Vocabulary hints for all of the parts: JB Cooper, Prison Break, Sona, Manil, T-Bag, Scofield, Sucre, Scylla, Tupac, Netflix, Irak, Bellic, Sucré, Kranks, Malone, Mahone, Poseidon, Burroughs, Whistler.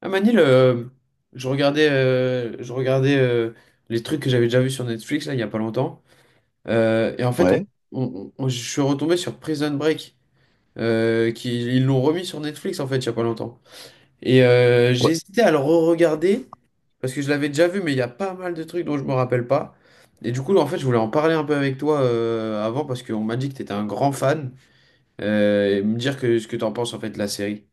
Ah Manil, je regardais les trucs que j'avais déjà vus sur Netflix là, il n'y a pas longtemps. Et en fait, Ouais. Je suis retombé sur Prison Break, ils l'ont remis sur Netflix en fait il n'y a pas longtemps. Et Ouais. j'ai hésité à le re-regarder parce que je l'avais déjà vu, mais il y a pas mal de trucs dont je me rappelle pas. Et du coup, en fait, je voulais en parler un peu avec toi avant parce qu'on m'a dit que tu étais un grand fan et me dire ce que tu en penses en fait de la série.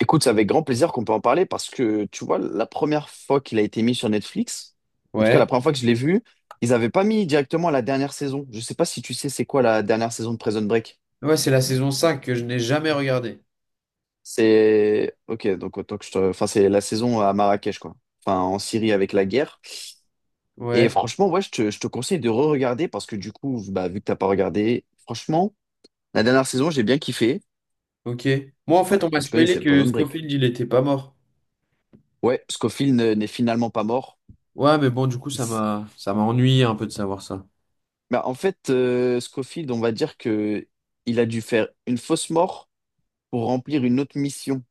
Écoute, c'est avec grand plaisir qu'on peut en parler parce que, tu vois, la première fois qu'il a été mis sur Netflix, en tout cas la Ouais. première fois que je l'ai vu, ils n'avaient pas mis directement la dernière saison. Je sais pas si tu sais c'est quoi la dernière saison de Prison Break. Ouais, c'est la saison 5 que je n'ai jamais regardée. C'est... Ok, donc autant que je te... Enfin, c'est la saison à Marrakech, quoi. Enfin, en Syrie avec la guerre. Et Ouais. franchement, ouais, je te conseille de re-regarder parce que du coup, bah, vu que t'as pas regardé, franchement, la dernière saison, j'ai bien kiffé. Ok. Moi, en Ouais, fait, on m'a enfin, tu connais, spoilé c'est que Prison Break. Scofield, il était pas mort. Ouais, Scofield n'est finalement pas mort. Ouais, mais bon, du coup, ça m'a ennuyé un peu de savoir ça. Bah, en fait, Scofield, on va dire que il a dû faire une fausse mort pour remplir une autre mission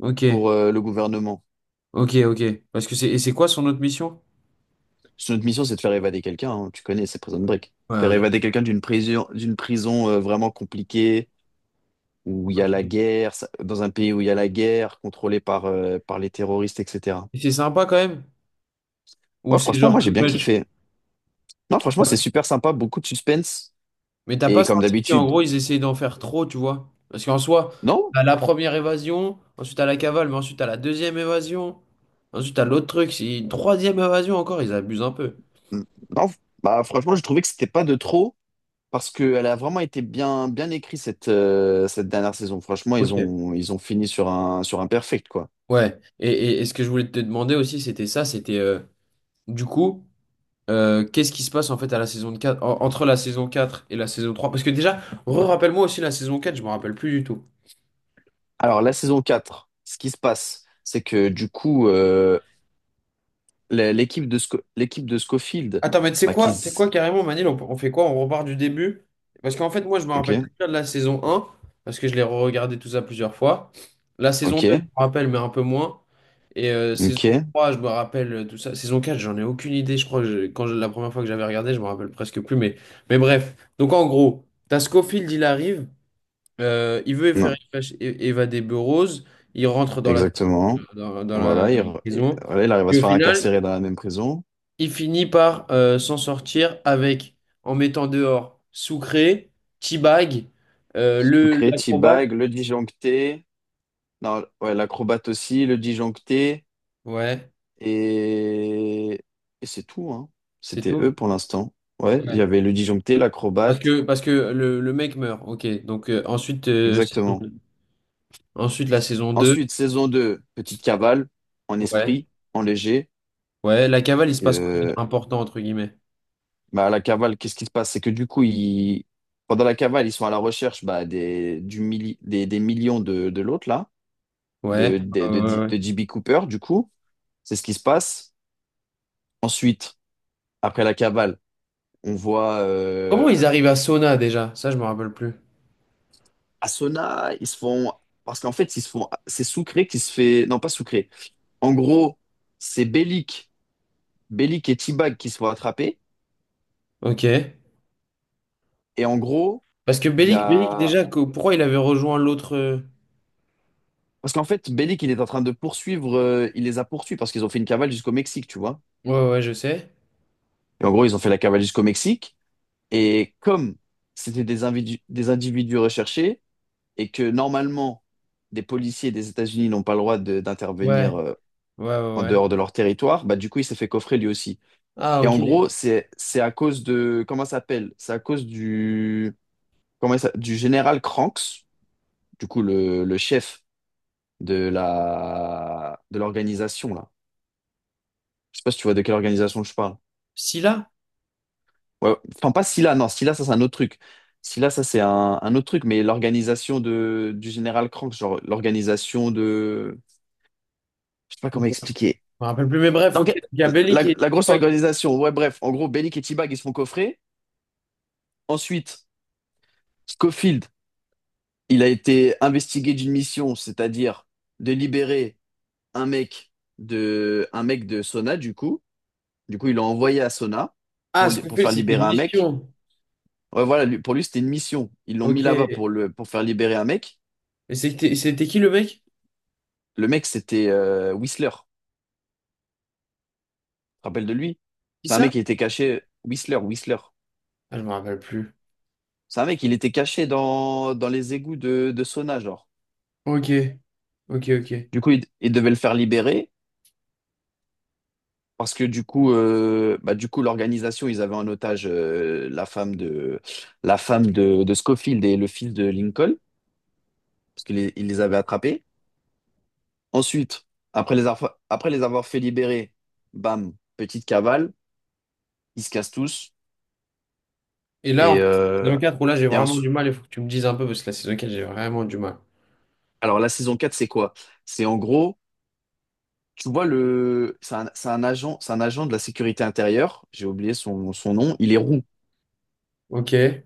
Ok, pour le gouvernement. ok, ok. Parce que c'est quoi son autre mission? Son autre mission, c'est de faire évader quelqu'un, hein. Tu connais, c'est Prison Break. Ouais, Faire ok. évader quelqu'un d'une prison, d'une prison, vraiment compliquée où il y a la Ok. guerre, dans un pays où il y a la guerre, contrôlé par par les terroristes, etc. Et c'est sympa quand même? Ou Ouais, c'est franchement, genre moi j'ai too bien much? kiffé. Non, franchement, c'est Ouais. super sympa, beaucoup de suspense Mais t'as pas et comme senti qu'en d'habitude. gros, ils essayaient d'en faire trop, tu vois? Parce qu'en soi, Non, t'as la première évasion, ensuite t'as la cavale, mais ensuite t'as la deuxième évasion, ensuite t'as l'autre truc, c'est une troisième évasion encore, ils abusent un peu. non. Bah, franchement, je trouvais que c'était pas de trop. Parce qu'elle a vraiment été bien, bien écrite cette dernière saison. Franchement, ils Ok. ont, ils ont fini sur un perfect, quoi. Ouais. Et ce que je voulais te demander aussi, c'était ça, c'était du coup. Qu'est-ce qui se passe en fait à la saison 4 entre la saison 4 et la saison trois. Parce que déjà, rappelle moi aussi la saison 4. Je me rappelle plus du tout. Alors, la saison 4, ce qui se passe, c'est que du coup, l'équipe de, l'équipe de Schofield, Attends, mais tu sais bah, qui quoi? Tu sais quoi s- carrément, Manil, on fait quoi? On repart du début? Parce qu'en fait, moi, je me Ok, rappelle très bien de la saison un parce que je l'ai regardé tout ça plusieurs fois. La saison ok, 2, je me rappelle, mais un peu moins. Et saison ok, 3, je me rappelle tout ça. Saison 4, j'en ai aucune idée. Je crois que la première fois que j'avais regardé, je me rappelle presque plus. Mais bref. Donc en gros, t'as Scofield, il arrive. Il veut faire non, évader Burroughs. Il rentre dans la, exactement. dans, dans la, Voilà dans la prison. voilà, il arrive à Et se au faire final, incarcérer dans la même prison. il finit par s'en sortir avec, en mettant dehors Sucré, T-Bag, Sucré, l'acrobate. T-Bag, le disjoncté, non, ouais, l'acrobate aussi, le disjoncté. Ouais, Et, et c'est tout, hein. c'est C'était tout. eux pour l'instant. Ouais, il y Ouais. avait le disjoncté, Parce l'acrobate, que, parce que le mec meurt. Ok. Donc ensuite, saison exactement. deux. Ensuite, la saison 2. Ensuite, saison 2, petite cavale, en Ouais. esprit, en léger. Ouais. La cavale, il se passe quoi Euh, d'important, entre guillemets? bah, à la cavale, qu'est-ce qui se passe? C'est que du coup, ils, pendant la cavale, ils sont à la recherche bah, des millions de l'autre, là, Ouais. Ouais, ouais, de ouais. JB Cooper, du coup. C'est ce qui se passe. Ensuite, après la cavale, on voit Comment ils arrivent à Sona déjà? Ça, je me rappelle plus. Asuna, ils se font. Parce qu'en fait, ils se font. C'est Sucré qui se fait. Non, pas Sucré. En gros, c'est Bellic. Bellic et T-Bag qui se font attraper. Ok. Et en gros, Parce que il y Bellic, Bellic a. déjà, pourquoi il avait rejoint l'autre. Parce qu'en fait, Bellic, il est en train de poursuivre. Il les a poursuivis parce qu'ils ont fait une cavale jusqu'au Mexique, tu vois. Ouais, ouais, je sais. Et en gros, ils ont fait la cavale jusqu'au Mexique. Et comme c'était des individus recherchés et que normalement, des policiers des États-Unis n'ont pas le droit Ouais, d'intervenir ouais, ouais, en ouais. dehors de leur territoire, bah, du coup, il s'est fait coffrer lui aussi. Ah, Et ok. en gros, c'est à cause de comment ça s'appelle? C'est à cause du comment ça, du général Kranks, du coup le chef de l'organisation là. Je sais pas si tu vois de quelle organisation je parle. Scylla? Ouais, enfin pas Scylla, non, Scylla ça c'est un autre truc. Scylla ça c'est un autre truc, mais l'organisation de du général Kranks, genre l'organisation de je sais pas Ok. comment Je expliquer. me rappelle plus, mais bref, ok. L'orga- Il y a La, Bellic et la grosse Tupac. organisation, ouais bref, en gros Bellic et T-Bag ils se font coffrer. Ensuite, Scofield il a été investigué d'une mission, c'est-à-dire de libérer un mec un mec de Sona, du coup. Du coup, ils l'ont envoyé à Sona pour, Ah, pour Scofield, faire c'était libérer une un mec. mission. Ouais, voilà, pour lui, c'était une mission. Ils l'ont mis Ok. là-bas Et pour le, pour faire libérer un mec. c'était qui le mec? Le mec, c'était Whistler. Tu te rappelles de lui? Qui C'est un ça? mec qui était caché. Whistler. Ah, je me rappelle plus. C'est un mec, il était caché dans, dans les égouts de Sona, genre. Ok. Ok, ok. Du coup, il devait le faire libérer. Parce que du coup, l'organisation, ils avaient en otage la femme de Scofield et le fils de Lincoln, parce qu'ils les, ils les avaient attrapés. Ensuite, après les avoir fait libérer, bam, petite cavale, ils se cassent tous. Et là, en Et, fait, saison euh, quatre, où là, j'ai et vraiment du ensuite, mal, il faut que tu me dises un peu, parce que la saison 4, j'ai vraiment du mal. alors la saison 4 c'est quoi? C'est en gros, tu vois, c'est un agent de la sécurité intérieure, j'ai oublié son, son nom, il est roux. Ok.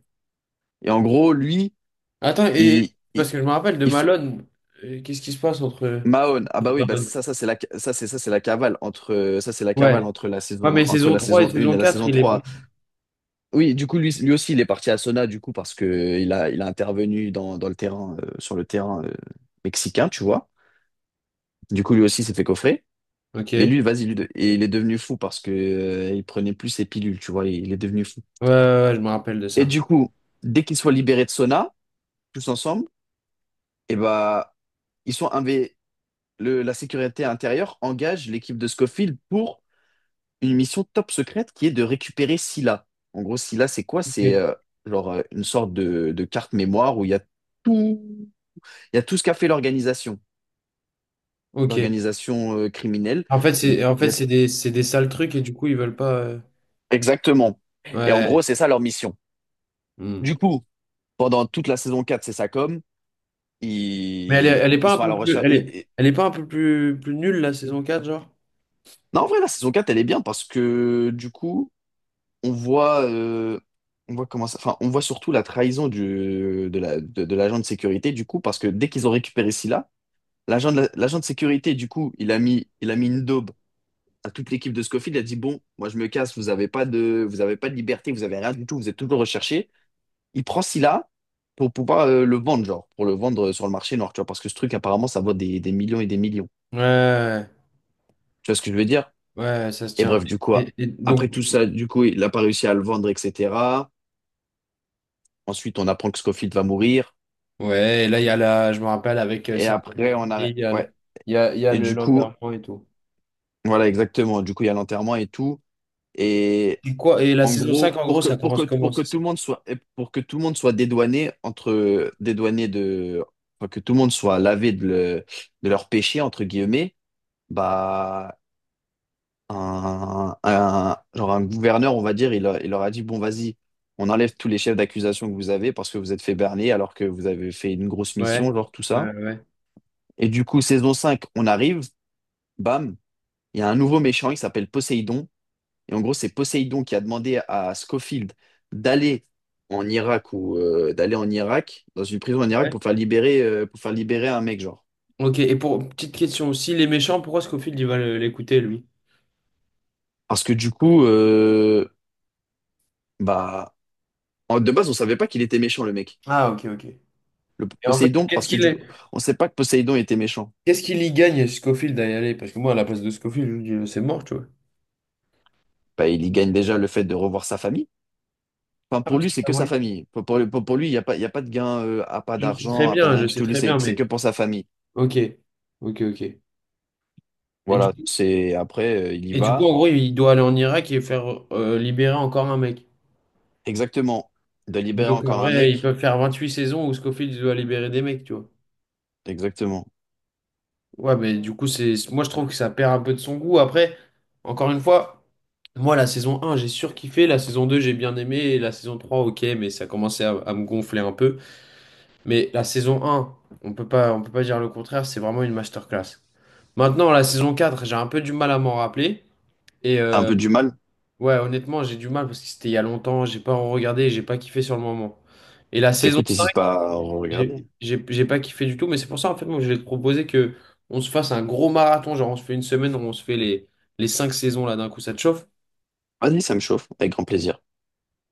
Et en gros, lui, Attends, et il, il, parce que je me rappelle de Malone, qu'est-ce qui se passe entre. Mahone, ah bah oui, bah Malone. ça, ça c'est la cavale entre, ça c'est la Ouais. cavale Ouais, mais entre saison la 3 et saison 1 saison et la 4 saison il est. 3. Oui, du coup lui, lui aussi il est parti à Sona du coup parce que il a intervenu dans, dans le terrain, sur le terrain mexicain, tu vois. Du coup lui aussi s'est fait coffrer. Ok. Mais Ouais, lui, vas-y, lui, il est devenu fou parce que il prenait plus ses pilules, tu vois, il est devenu fou. ouais, ouais, je me rappelle de Et ça. du coup, dès qu'ils soient libérés de Sona, tous ensemble, et bah ils sont inv- le, la sécurité intérieure engage l'équipe de Scofield pour une mission top secrète qui est de récupérer Scylla. En gros, Scylla, c'est quoi? Ok. C'est une sorte de carte mémoire où il y a tout, il y a tout ce qu'a fait l'organisation, Ok. l'organisation criminelle. En fait, Il y a c'est des sales trucs et du coup, ils veulent pas. Exactement. Et en gros, Ouais. c'est ça leur mission. Hmm. Du coup, pendant toute la saison 4, c'est ça comme Mais elle est, elle est ils pas un sont à peu la plus. recherche. Elle est, elle est pas un peu plus, plus nulle, la saison quatre genre? Non, en vrai, la saison 4, elle est bien parce que du coup, on voit, euh, on voit comment ça, enfin, on voit surtout la trahison du, de la, de l'agent de sécurité, du coup, parce que dès qu'ils ont récupéré Scylla, l'agent de sécurité, du coup, il a mis une daube à toute l'équipe de Scofield. Il a dit, bon, moi, je me casse, vous avez pas de, vous avez pas de liberté, vous avez rien du tout, vous êtes toujours recherché. Il prend Scylla pour pouvoir le vendre, genre, pour le vendre sur le marché noir, tu vois, parce que ce truc, apparemment, ça vaut des millions et des millions. Ouais. Tu vois ce que je veux dire? Ouais, ça se Et tient. bref, du coup, Et après donc, tout ça, du coup, il n'a pas réussi à le vendre, etc. Ensuite, on apprend que Scofield va mourir. ouais, et là, il y a la. Je me rappelle avec Et ça. après, on a... Il y a Ouais. le, il y a Et le du coup, l'enterrement et tout. voilà, exactement. Du coup, il y a l'enterrement et tout. Et Et quoi? Et la en saison 5 gros, en gros, ça commence comment, pour que c'est tout ça? le monde soit, et pour que tout le monde soit dédouané entre, dédouané de, enfin, que tout le monde soit lavé de leur péché, entre guillemets, bah, genre un gouverneur, on va dire, il leur a dit, bon, vas-y, on enlève tous les chefs d'accusation que vous avez parce que vous êtes fait berner alors que vous avez fait une grosse Ouais. mission, genre tout ça. Ouais, Et du coup, saison 5 on arrive, bam, il y a un nouveau méchant, il s'appelle Poséidon. Et en gros, c'est Poséidon qui a demandé à Scofield d'aller en Irak ou d'aller en Irak, dans une prison en Irak, ouais. Pour faire libérer un mec, genre. Ok, et pour petite question aussi, les méchants, pourquoi Scofield il va l'écouter lui? Parce que du coup, bah, de base, on savait pas qu'il était méchant, le mec. Ah, ok, ok. Le Et en fait, Poséidon, qu'est-ce parce que qu'il du coup, on sait pas que Poséidon était méchant. qu'est-ce qu'il y gagne Scofield à y aller? Parce que moi, à la place de Scofield, je me dis, c'est mort, tu vois. Bah, il y gagne déjà le fait de revoir sa famille. Enfin, Ah, pour parce lui, qu'il c'est a que sa voyé. famille. Pour lui, il n'y a pas, il y a pas de gain, à pas Je sais très d'argent, à pas de bien, rien je du sais tout. Lui, très c'est bien, c'est que mais. pour sa famille. Ok, ok, ok. Et du Voilà, coup, c'est après, il y et du coup, va. en gros, il doit aller en Irak et faire libérer encore un mec. Exactement. De Mais libérer donc, en encore un vrai, ils mec. peuvent faire 28 saisons où Scofield doit libérer des mecs, tu vois. Exactement. Ouais, mais du coup, c'est, moi je trouve que ça perd un peu de son goût. Après, encore une fois, moi la saison un j'ai surkiffé, la saison 2 j'ai bien aimé, et la saison 3 ok, mais ça commençait à me gonfler un peu. Mais la saison un on peut pas dire le contraire, c'est vraiment une masterclass. Maintenant, la saison 4 j'ai un peu du mal à m'en rappeler. Et T'as un peu du mal? ouais, honnêtement, j'ai du mal parce que c'était il y a longtemps, j'ai pas regardé, j'ai pas kiffé sur le moment. Et la saison Écoute, 5 n'hésite pas à regarder. J'ai pas kiffé du tout, mais c'est pour ça en fait moi je vais te proposer que on se fasse un gros marathon, genre on se fait une semaine où on se fait les cinq saisons là d'un coup, ça te chauffe? Vas-y, ça me chauffe, avec grand plaisir.